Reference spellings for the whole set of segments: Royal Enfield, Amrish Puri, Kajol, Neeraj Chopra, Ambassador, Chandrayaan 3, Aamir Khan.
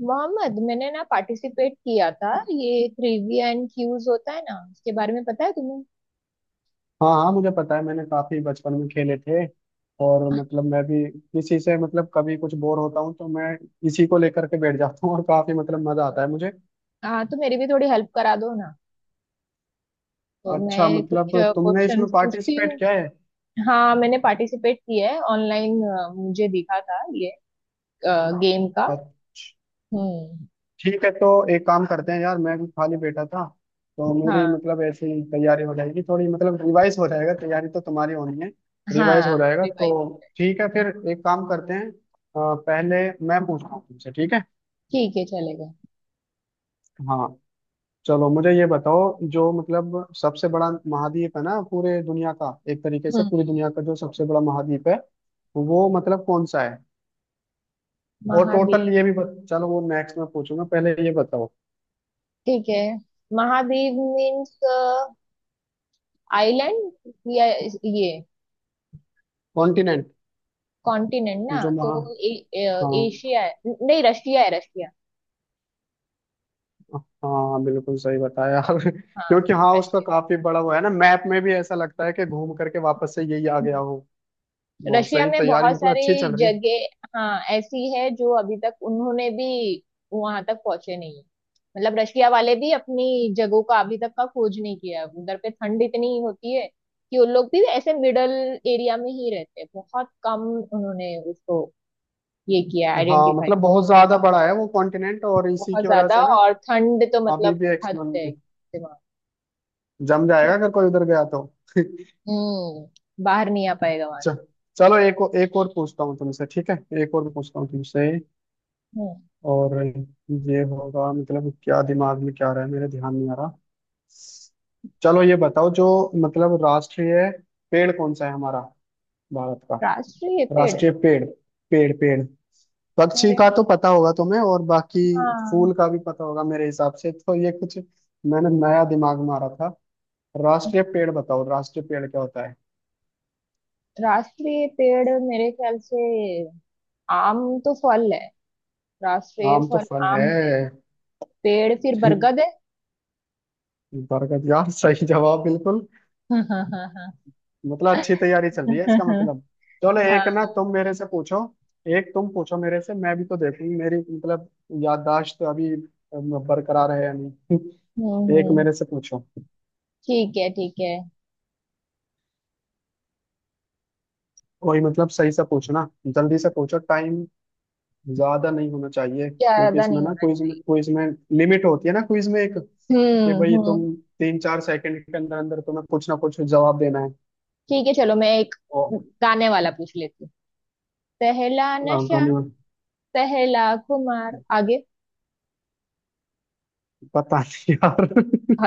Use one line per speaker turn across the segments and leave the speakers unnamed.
मोहम्मद, मैंने ना पार्टिसिपेट किया था। ये ट्रिविया एंड क्यूज होता है ना, उसके बारे में पता है तुम्हें?
हाँ हाँ मुझे पता है, मैंने काफी बचपन में खेले थे। और मतलब मैं भी इसी से, मतलब कभी कुछ बोर होता हूँ तो मैं इसी को लेकर के बैठ जाता हूँ और काफी मतलब मजा आता है मुझे।
हाँ, तो मेरी भी थोड़ी हेल्प करा दो ना। तो
अच्छा,
मैं कुछ
मतलब तुमने इसमें
क्वेश्चंस पूछती
पार्टिसिपेट
हूँ।
किया है।
हाँ, मैंने पार्टिसिपेट किया है ऑनलाइन। मुझे दिखा था ये गेम का।
अच्छा,
हम्म।
ठीक है। तो एक काम करते हैं यार, मैं भी खाली बैठा था तो
हाँ,
मेरी मतलब ऐसे ही तैयारी हो जाएगी, थोड़ी मतलब रिवाइज हो जाएगा। तैयारी तो तुम्हारी होनी है, रिवाइज
हाँ।
हो जाएगा तो।
रिवाइज।
ठीक है, फिर एक काम करते हैं। पहले मैं पूछता हूँ तुमसे, ठीक है।
ठीक है, चलेगा।
हाँ, चलो मुझे ये बताओ, जो मतलब सबसे बड़ा महाद्वीप है ना पूरे दुनिया का, एक तरीके से
हम्म।
पूरी दुनिया का जो सबसे बड़ा महाद्वीप है वो मतलब कौन सा है। और टोटल
महाद्वीप।
ये भी चलो वो नेक्स्ट में पूछूंगा, पहले ये बताओ।
ठीक है। महाद्वीप मीन्स आइलैंड, या ये
कॉन्टिनेंट।
कॉन्टिनेंट ना
जो
तो
महा,
ए, ए,
हाँ
एशिया है, नहीं रशिया है, रशिया।
हाँ बिल्कुल सही बताया।
हाँ,
क्योंकि हाँ उसका
रशिया।
काफी बड़ा वो है ना, मैप में भी ऐसा लगता है कि घूम करके वापस से यही आ गया
हम्म।
हो। बहुत
रशिया
सही,
में
तैयारी
बहुत
मतलब अच्छी चल
सारी
रही है।
जगह, हाँ, ऐसी है जो अभी तक उन्होंने भी वहां तक पहुंचे नहीं है। मतलब रशिया वाले भी अपनी जगहों का अभी तक का खोज नहीं किया है। उधर पे ठंड इतनी होती है कि उन लोग भी ऐसे मिडल एरिया में ही रहते हैं। बहुत कम उन्होंने उसको ये किया
हाँ,
आइडेंटिफाई।
मतलब बहुत ज्यादा बड़ा है वो कॉन्टिनेंट, और इसी
बहुत
की वजह
ज्यादा,
से ना
और ठंड तो
अभी
मतलब
भी
हद है,
एक्सप्लोर।
दिमाग।
जम जाएगा अगर कोई उधर गया तो।
बाहर नहीं आ पाएगा वहां से।
च- चलो एक और, एक और पूछता हूँ तुमसे, ठीक है। एक और पूछता हूँ तुमसे।
हम्म।
और ये होगा मतलब, क्या दिमाग में क्या आ रहा है मेरे, ध्यान नहीं आ रहा। चलो ये बताओ जो मतलब राष्ट्रीय पेड़ कौन सा है हमारा, भारत का
राष्ट्रीय पेड़,
राष्ट्रीय पेड़। पेड़ पक्षी का
पेड़?
तो पता होगा तुम्हें और बाकी
हाँ।
फूल का भी पता होगा मेरे हिसाब से, तो ये कुछ मैंने नया दिमाग मारा था। राष्ट्रीय पेड़ बताओ, राष्ट्रीय पेड़ क्या होता है।
राष्ट्रीय पेड़ मेरे ख्याल से आम, तो फल है, राष्ट्रीय
नाम तो
फल
फन है।
आम है। पेड़ फिर बरगद है।
बरगद, यार सही जवाब बिल्कुल।
हाँ।
मतलब अच्छी तैयारी चल रही है इसका मतलब। चलो एक ना तुम मेरे से पूछो। एक तुम पूछो मेरे से, मैं भी तो देखूंगी मेरी मतलब याददाश्त अभी बरकरार है या
हम्म,
नहीं। एक
हम्म।
मेरे से पूछो।
ठीक है, ठीक है।
कोई मतलब सही से पूछो ना, जल्दी से पूछो। टाइम ज्यादा नहीं होना चाहिए क्योंकि
ज्यादा
इसमें
नहीं
ना
होना
क्विज में,
चाहिए।
क्विज में लिमिट होती है ना, क्विज में एक कि
हम्म,
भाई
हम्म।
तुम 3 4 सेकंड के अंदर अंदर तुम्हें कुछ ना कुछ जवाब देना है।
ठीक है, चलो मैं एक
ओ,
गाने वाला पूछ लेती हूँ। पहला
हाँ,
नशा,
धन्यवाद।
पहला खुमार, आगे?
पता नहीं यार।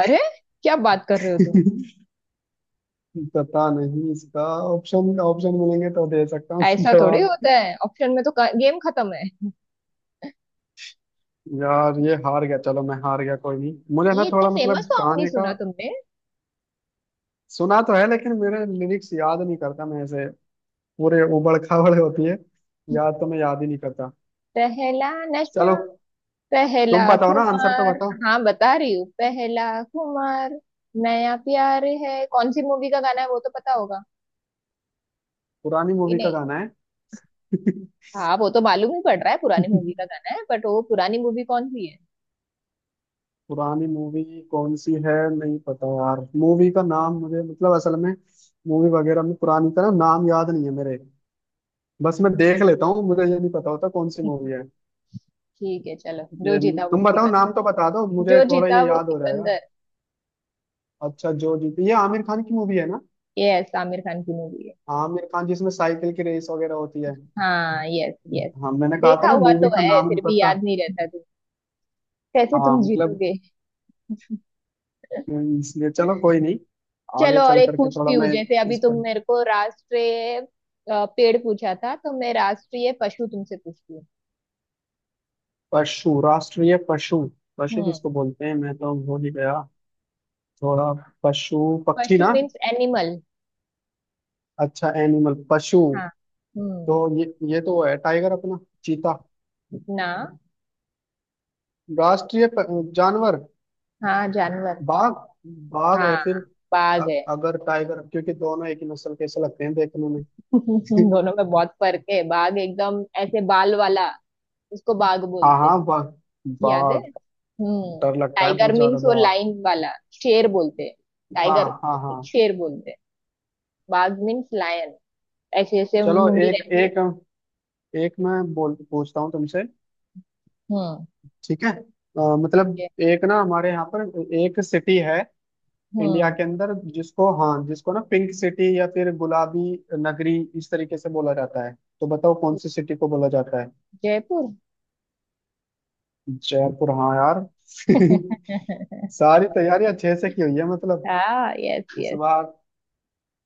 अरे, क्या बात कर रहे हो तुम?
पता नहीं इसका। ऑप्शन ऑप्शन मिलेंगे तो दे सकता हूँ।
ऐसा थोड़ी
जवाब
होता है, ऑप्शन में तो गेम खत्म है।
यार, ये हार गया, चलो मैं हार गया कोई नहीं। मुझे ना
ये इतना
थोड़ा मतलब
फेमस सॉन्ग नहीं
गाने का,
सुना तुमने?
सुना तो है लेकिन मेरे लिरिक्स याद नहीं करता मैं ऐसे, पूरे उबड़ खाबड़ होती है। याद तो मैं याद ही नहीं करता।
पहला
चलो
नशा, पहला
तुम बताओ ना, आंसर तो
खुमार।
बताओ।
हाँ, बता रही हूँ, पहला खुमार नया प्यार है, कौन सी मूवी का गाना है वो तो पता होगा
पुरानी
कि
मूवी का
नहीं?
गाना है।
हाँ, वो तो मालूम ही पड़ रहा है पुरानी मूवी का गाना है, बट वो पुरानी मूवी कौन सी है?
पुरानी मूवी कौन सी है? नहीं पता यार, मूवी का नाम मुझे मतलब असल में मूवी वगैरह में पुरानी का ना नाम याद नहीं है मेरे। बस मैं देख लेता हूँ, मुझे ये नहीं पता होता कौन सी मूवी है।
ठीक है, चलो। जो
ये
जीता वो
तुम बताओ
सिकंदर।
नाम तो, बता दो मुझे
जो
थोड़ा,
जीता
ये
वो
याद हो रहा है।
सिकंदर।
अच्छा जो जीती, ये आमिर खान की मूवी है ना।
यस, आमिर खान की मूवी है।
आमिर खान जिसमें साइकिल की रेस वगैरह होती है।
हाँ, यस, यस।
हाँ मैंने कहा था
देखा
ना
हुआ तो
मूवी का
है
नाम नहीं
फिर भी
पता।
याद नहीं रहता, तुम कैसे
हाँ
तुम
मतलब,
जीतोगे?
इसलिए चलो कोई नहीं। आगे
चलो और
चल
एक
करके थोड़ा
पूछती हूँ।
मैं
जैसे अभी
इस
तुम
पर।
मेरे को राष्ट्रीय पेड़ पूछा था, तो मैं राष्ट्रीय पशु तुमसे पूछती हूँ।
पशु, राष्ट्रीय पशु, पशु
हम्म।
किसको बोलते हैं मैं तो भूल ही गया थोड़ा। पशु, पक्षी
पशु
ना।
Means animal.
अच्छा एनिमल, पशु।
हाँ। हम्म।
तो ये तो है टाइगर अपना, चीता।
ना।
राष्ट्रीय प- जानवर।
हाँ, जानवर।
बाघ, बाघ है
हाँ,
फिर।
बाघ है।
अगर टाइगर, क्योंकि दोनों एक ही नस्ल के ऐसे लगते हैं देखने में।
दोनों में बहुत फर्क है। बाघ एकदम ऐसे बाल वाला, उसको बाघ
हाँ
बोलते हैं।
हाँ बाघ,
याद है?
बाघ।
हम्म।
डर लगता है
टाइगर
बहुत ज्यादा
मीन्स वो
बाघ।
लाइन वाला, शेर बोलते हैं।
हाँ,
टाइगर
हाँ हाँ।
को शेर बोलते हैं। बाघ मीन्स लायन। ऐसे ऐसे
चलो
मुंडी
एक
रहती है।
एक, एक मैं बोल पूछता हूँ तुमसे,
हम्म।
ठीक है।
ठीक
मतलब
है।
एक ना हमारे यहाँ पर एक सिटी है इंडिया
हम्म।
के अंदर जिसको, हाँ जिसको ना पिंक सिटी या फिर गुलाबी नगरी इस तरीके से बोला जाता है। तो बताओ कौन सी सिटी को बोला जाता है।
जयपुर।
जयपुर, हाँ यार। सारी तैयारियां अच्छे से की हुई है मतलब।
हाँ, यस,
इस
यस।
बार,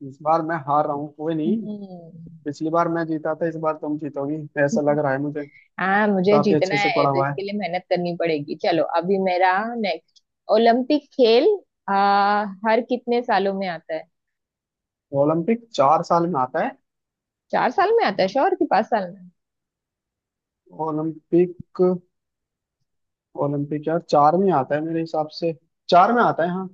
इस बार मैं हार रहा हूँ कोई नहीं।
हम्म।
पिछली बार मैं जीता था, इस बार तुम जीतोगी ऐसा लग रहा है मुझे।
हाँ, मुझे
काफी
जीतना
अच्छे से
है
पढ़ा
तो
हुआ है।
इसके लिए मेहनत करनी पड़ेगी। चलो, अभी मेरा नेक्स्ट। ओलंपिक खेल आ, हर कितने सालों में आता है?
ओलंपिक 4 साल में आता है।
4 साल में आता है श्योर, कि 5 साल में?
ओलंपिक, ओलंपिक यार चार में आता है मेरे हिसाब से, चार में आता है हाँ।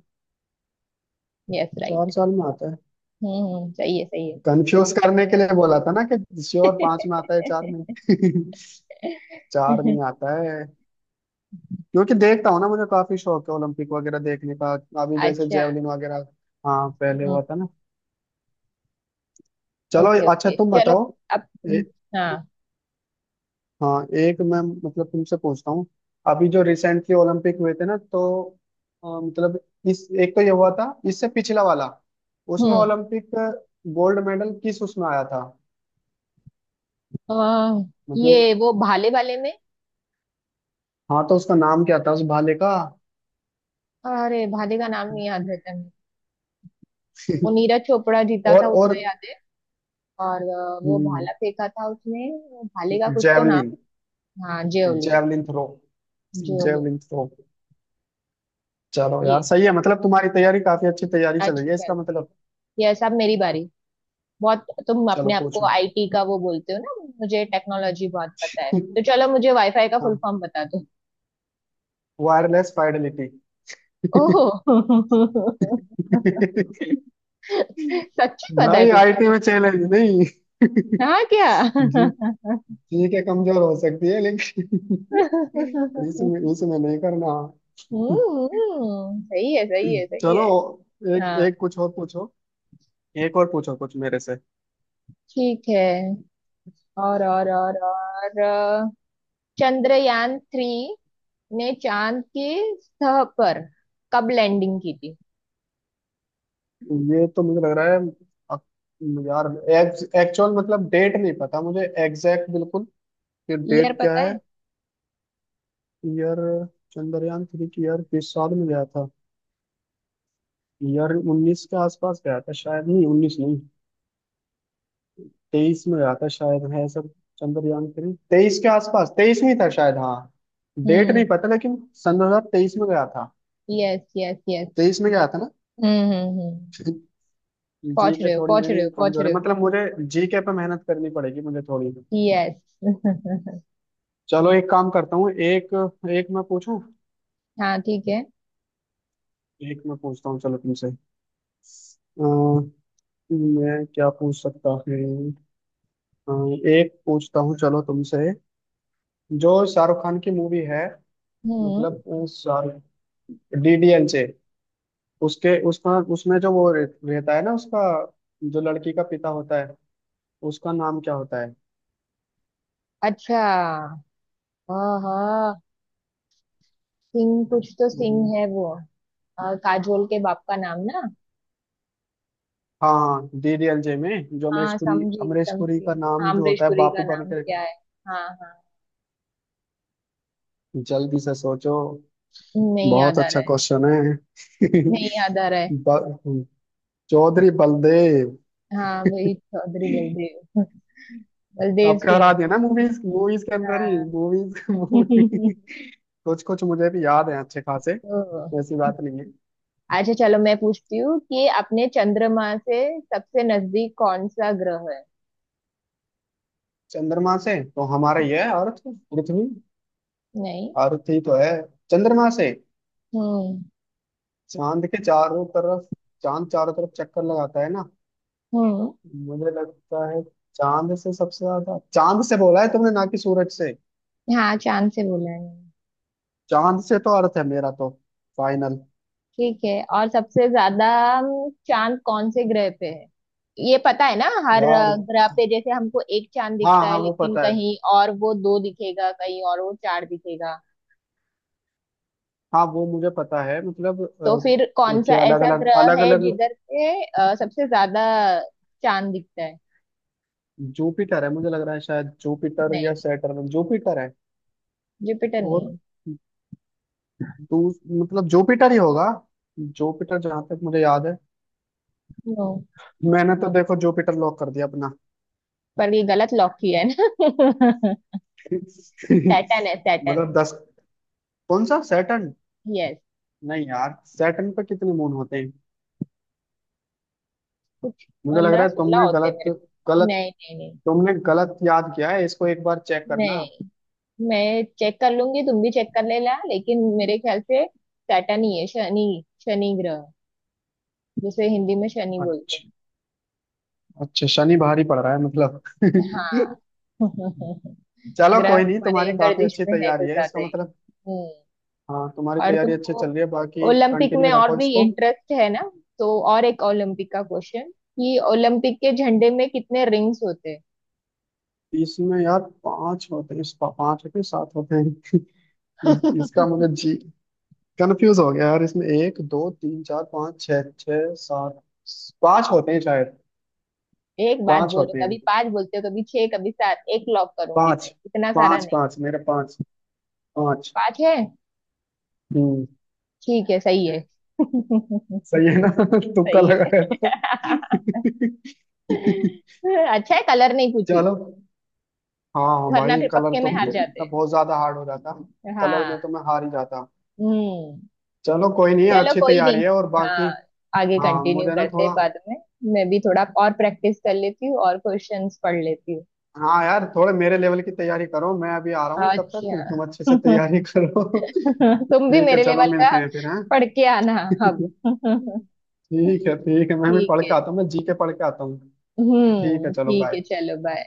यस,
चार
राइट।
साल में आता है।
हम्म, सही है, सही है।
कंफ्यूज करने के लिए बोला था ना कि श्योर, पांच में आता है, चार में। चार में आता है। क्योंकि देखता हूँ ना, मुझे काफी शौक है ओलंपिक वगैरह देखने का। अभी जैसे
अच्छा।
जेवलिन वगैरह, हाँ पहले
हम्म।
हुआ था ना। चलो,
ओके,
अच्छा
ओके,
तुम
चलो।
बताओ।
अब।
ए,
हाँ।
हाँ एक मैं मतलब तुमसे पूछता हूँ। अभी जो रिसेंटली ओलंपिक हुए थे ना तो मतलब इस, एक तो ये हुआ था इससे पिछला वाला, उसमें
हम्म।
ओलंपिक गोल्ड मेडल किस, उसमें आया था,
आ,
मतलब।
ये वो भाले वाले में।
हाँ तो उसका नाम क्या था उस भाले का।
अरे, भाले का नाम नहीं याद रहता। वो नीरज चोपड़ा जीता
और
था, उतना
और।
याद है। और वो
हम्म,
भाला फेंका था उसने, वो भाले का कुछ तो नाम।
जेवलिन,
हाँ, javelin.
Javelin throw,
javelin.
Javelin throw. चलो यार
ये
सही है मतलब, तुम्हारी तैयारी काफी अच्छी, तैयारी चल रही
अच्छी
है
चल
इसका
रही है।
मतलब।
ये सब मेरी बारी बहुत। तुम
चलो
अपने आप को
पूछो।
आईटी का वो बोलते हो ना, मुझे टेक्नोलॉजी बहुत पता है, तो चलो मुझे वाईफाई का फुल
हाँ,
फॉर्म बता दो।
Wireless fidelity.
ओह। सच्ची, पता है
भाई
तुम?
आईटी में चैलेंज नहीं।
हाँ, क्या?
जी ठीक है, कमजोर हो सकती है लेकिन इसमें, इसमें नहीं करना।
हम्म, सही है, सही है, सही
चलो
है।
एक
हाँ,
एक कुछ और पूछो, एक और पूछो कुछ मेरे से।
ठीक है। और और और और चंद्रयान 3 ने चांद की सतह पर कब लैंडिंग की थी?
ये तो मुझे लग रहा है अ- यार, एक्चुअल मतलब डेट नहीं पता मुझे एग्जैक्ट बिल्कुल कि
ईयर
डेट क्या
पता
है।
है?
ईयर। चंद्रयान थ्री की ईयर किस साल में गया था। ईयर 19 के आसपास गया था शायद, नहीं 19 नहीं, 23 में गया था शायद है सब। चंद्रयान थ्री 23 के आसपास, 23 में ही था शायद हाँ, डेट
हम्म,
नहीं पता लेकिन। सन 2023 में गया था।
Yes, yes, yes.
तेईस में गया था ना।
हम्म, हम्म, हम्म।
जी
पहुंच
के
रहे हो,
थोड़ी
पहुंच रहे
मेरी
हो, पहुंच
कमजोर
रहे
है
हो।
मतलब, मुझे जी के पे मेहनत करनी पड़ेगी मुझे थोड़ी।
यस।
चलो एक काम करता हूँ, एक, एक मैं पूछूं,
हाँ, ठीक है।
एक मैं पूछता हूँ चलो तुमसे। अ, मैं क्या पूछ सकता हूँ। हाँ, एक पूछता हूँ चलो तुमसे। जो शाहरुख खान की मूवी है,
हम्म।
मतलब शाहरुख, डीडीएल से, उसके उसका उसमें जो वो रहता है ना, उसका जो लड़की का पिता होता है उसका नाम क्या होता है।
अच्छा, हाँ, हाँ, सिंह, कुछ तो सिंह है
मुझे-
वो। काजोल के बाप का नाम ना?
हाँ हाँ DDLJ में जो अमरीश
हाँ,
पुरी,
समझी,
अमरीश पुरी
समझी।
का
हाँ,
नाम जो
अमरीश
होता है
पुरी का
बापू
नाम
बनकर।
क्या है? हाँ, हाँ।
जल्दी से सोचो,
नहीं
बहुत
याद आ रहा
अच्छा
है।
क्वेश्चन है।
नहीं याद आ रहा है।
ब- चौधरी बलदेव।
हाँ, वही चौधरी बलदेव। बलदेव
आपका हरा
सिंह।
दिया ना, मूवीज मूवीज के अंदर ही,
हाँ।
मूवीज मूवी कुछ कुछ मुझे भी याद है अच्छे खासे।
तो
ऐसी बात नहीं है।
अच्छा, चलो मैं पूछती हूँ कि अपने चंद्रमा से सबसे नजदीक कौन सा ग्रह है?
चंद्रमा से तो हमारा ये है, अर्थ, पृथ्वी।
नहीं।
अर्थ ही तो है। चंद्रमा से,
हम्म,
चांद के चारों तरफ, चांद चारों तरफ चक्कर लगाता है ना,
हम्म।
मुझे लगता है। चांद से सबसे ज्यादा, चांद से बोला है तुमने ना कि सूरज से।
हाँ चांद से बोला है मैंने।
चांद से तो अर्थ है मेरा तो, फाइनल।
ठीक है, और सबसे ज्यादा चांद कौन से ग्रह पे है? ये पता है ना हर
यार,
ग्रह पे, जैसे हमको एक चांद
हाँ
दिखता है,
हाँ वो
लेकिन
पता है।
कहीं और वो दो दिखेगा, कहीं और वो चार दिखेगा।
हाँ वो मुझे पता है मतलब।
तो फिर कौन सा
क्या अलग
ऐसा
अलग,
ग्रह
अलग
है
अलग,
जिधर पे सबसे ज्यादा चांद दिखता है?
जुपिटर है मुझे लग रहा है शायद, जुपिटर
नहीं, नहीं।
या सैटर्न, जुपिटर है।
जुपिटर नहीं
और
है।
दूस मतलब जुपिटर ही होगा जुपिटर, जहां तक मुझे याद है।
नो।
मैंने तो देखो जुपिटर लॉक कर दिया अपना।
पर ये गलत लॉक किया है ना? सैटर्न है, सैटर्न।
मतलब दस, कौन सा सैटर्न?
यस।
नहीं यार सैटर्न पे कितने मून होते हैं?
कुछ।
मुझे लग
पंद्रह
रहा है
सोलह
तुमने
होते हैं
गलत,
मेरे को।
गलत,
नहीं, नहीं, नहीं,
तुमने गलत याद किया है इसको एक बार चेक करना।
नहीं। मैं चेक कर लूंगी, तुम भी चेक कर लेना। लेकिन मेरे ख्याल से सैटर्न ही है, शनि, शनि ग्रह जिसे हिंदी में शनि बोलते
अच्छा, अच्छा शनि भारी पड़ रहा है मतलब।
हैं। हाँ।
चलो
ग्रह
कोई नहीं,
तुम्हारे
तुम्हारी काफी
गर्दिश
अच्छी
में है कुछ
तैयारी है इसका
ज्यादा ही।
मतलब।
हम्म।
हाँ तुम्हारी
और
तैयारी अच्छी
तुमको
चल रही है, बाकी
ओलंपिक में
कंटिन्यू
और
रखो
भी
इसको।
इंटरेस्ट है ना, तो और एक ओलंपिक का क्वेश्चन, कि ओलंपिक के झंडे में कितने रिंग्स होते हैं?
इसमें यार 5 होते हैं, 5 होते हैं, 7 होते हैं। इसका मुझे जी कंफ्यूज हो गया यार, इसमें 1 2 3 4 5 6, 6 7। पांच होते हैं शायद।
एक बात
5
बोलो,
होते हैं,
कभी पांच बोलते हो, कभी छह, कभी सात। एक लॉक करूंगी
पांच,
मैं, इतना सारा
पांच
नहीं।
पांच मेरे 5, पांच।
पांच है।
हम्म।
ठीक है, सही है।
सही है ना। तुक्का
सही
लगाया था।
है। अच्छा है, कलर नहीं पूछी,
चलो, हाँ हाँ
वरना
भाई
फिर
कलर
पक्के में
तो
हार जाते
मतलब
हैं।
बहुत ज्यादा हार्ड हो जाता। कलर में तो
हाँ।
मैं हार ही जाता।
हम्म।
चलो कोई नहीं,
चलो,
अच्छी
कोई
तैयारी
नहीं।
है और
हाँ।
बाकी।
आगे
हाँ
कंटिन्यू
मुझे ना
करते हैं
थोड़ा,
बाद में। मैं भी थोड़ा और प्रैक्टिस कर लेती हूँ और क्वेश्चंस पढ़ लेती हूँ।
हाँ यार थोड़े मेरे लेवल की तैयारी करो, मैं अभी आ रहा हूँ तब
अच्छा।
तक तुम अच्छे से तैयारी करो।
तुम भी
ठीक है
मेरे
चलो
लेवल का
मिलते हैं फिर, हाँ।
पढ़ के आना अब।
ठीक है, ठीक है मैं भी
ठीक
पढ़
है।
के आता हूँ, मैं जी के पढ़ के आता हूँ। ठीक है
हम्म,
चलो
ठीक है,
बाय।
चलो, बाय।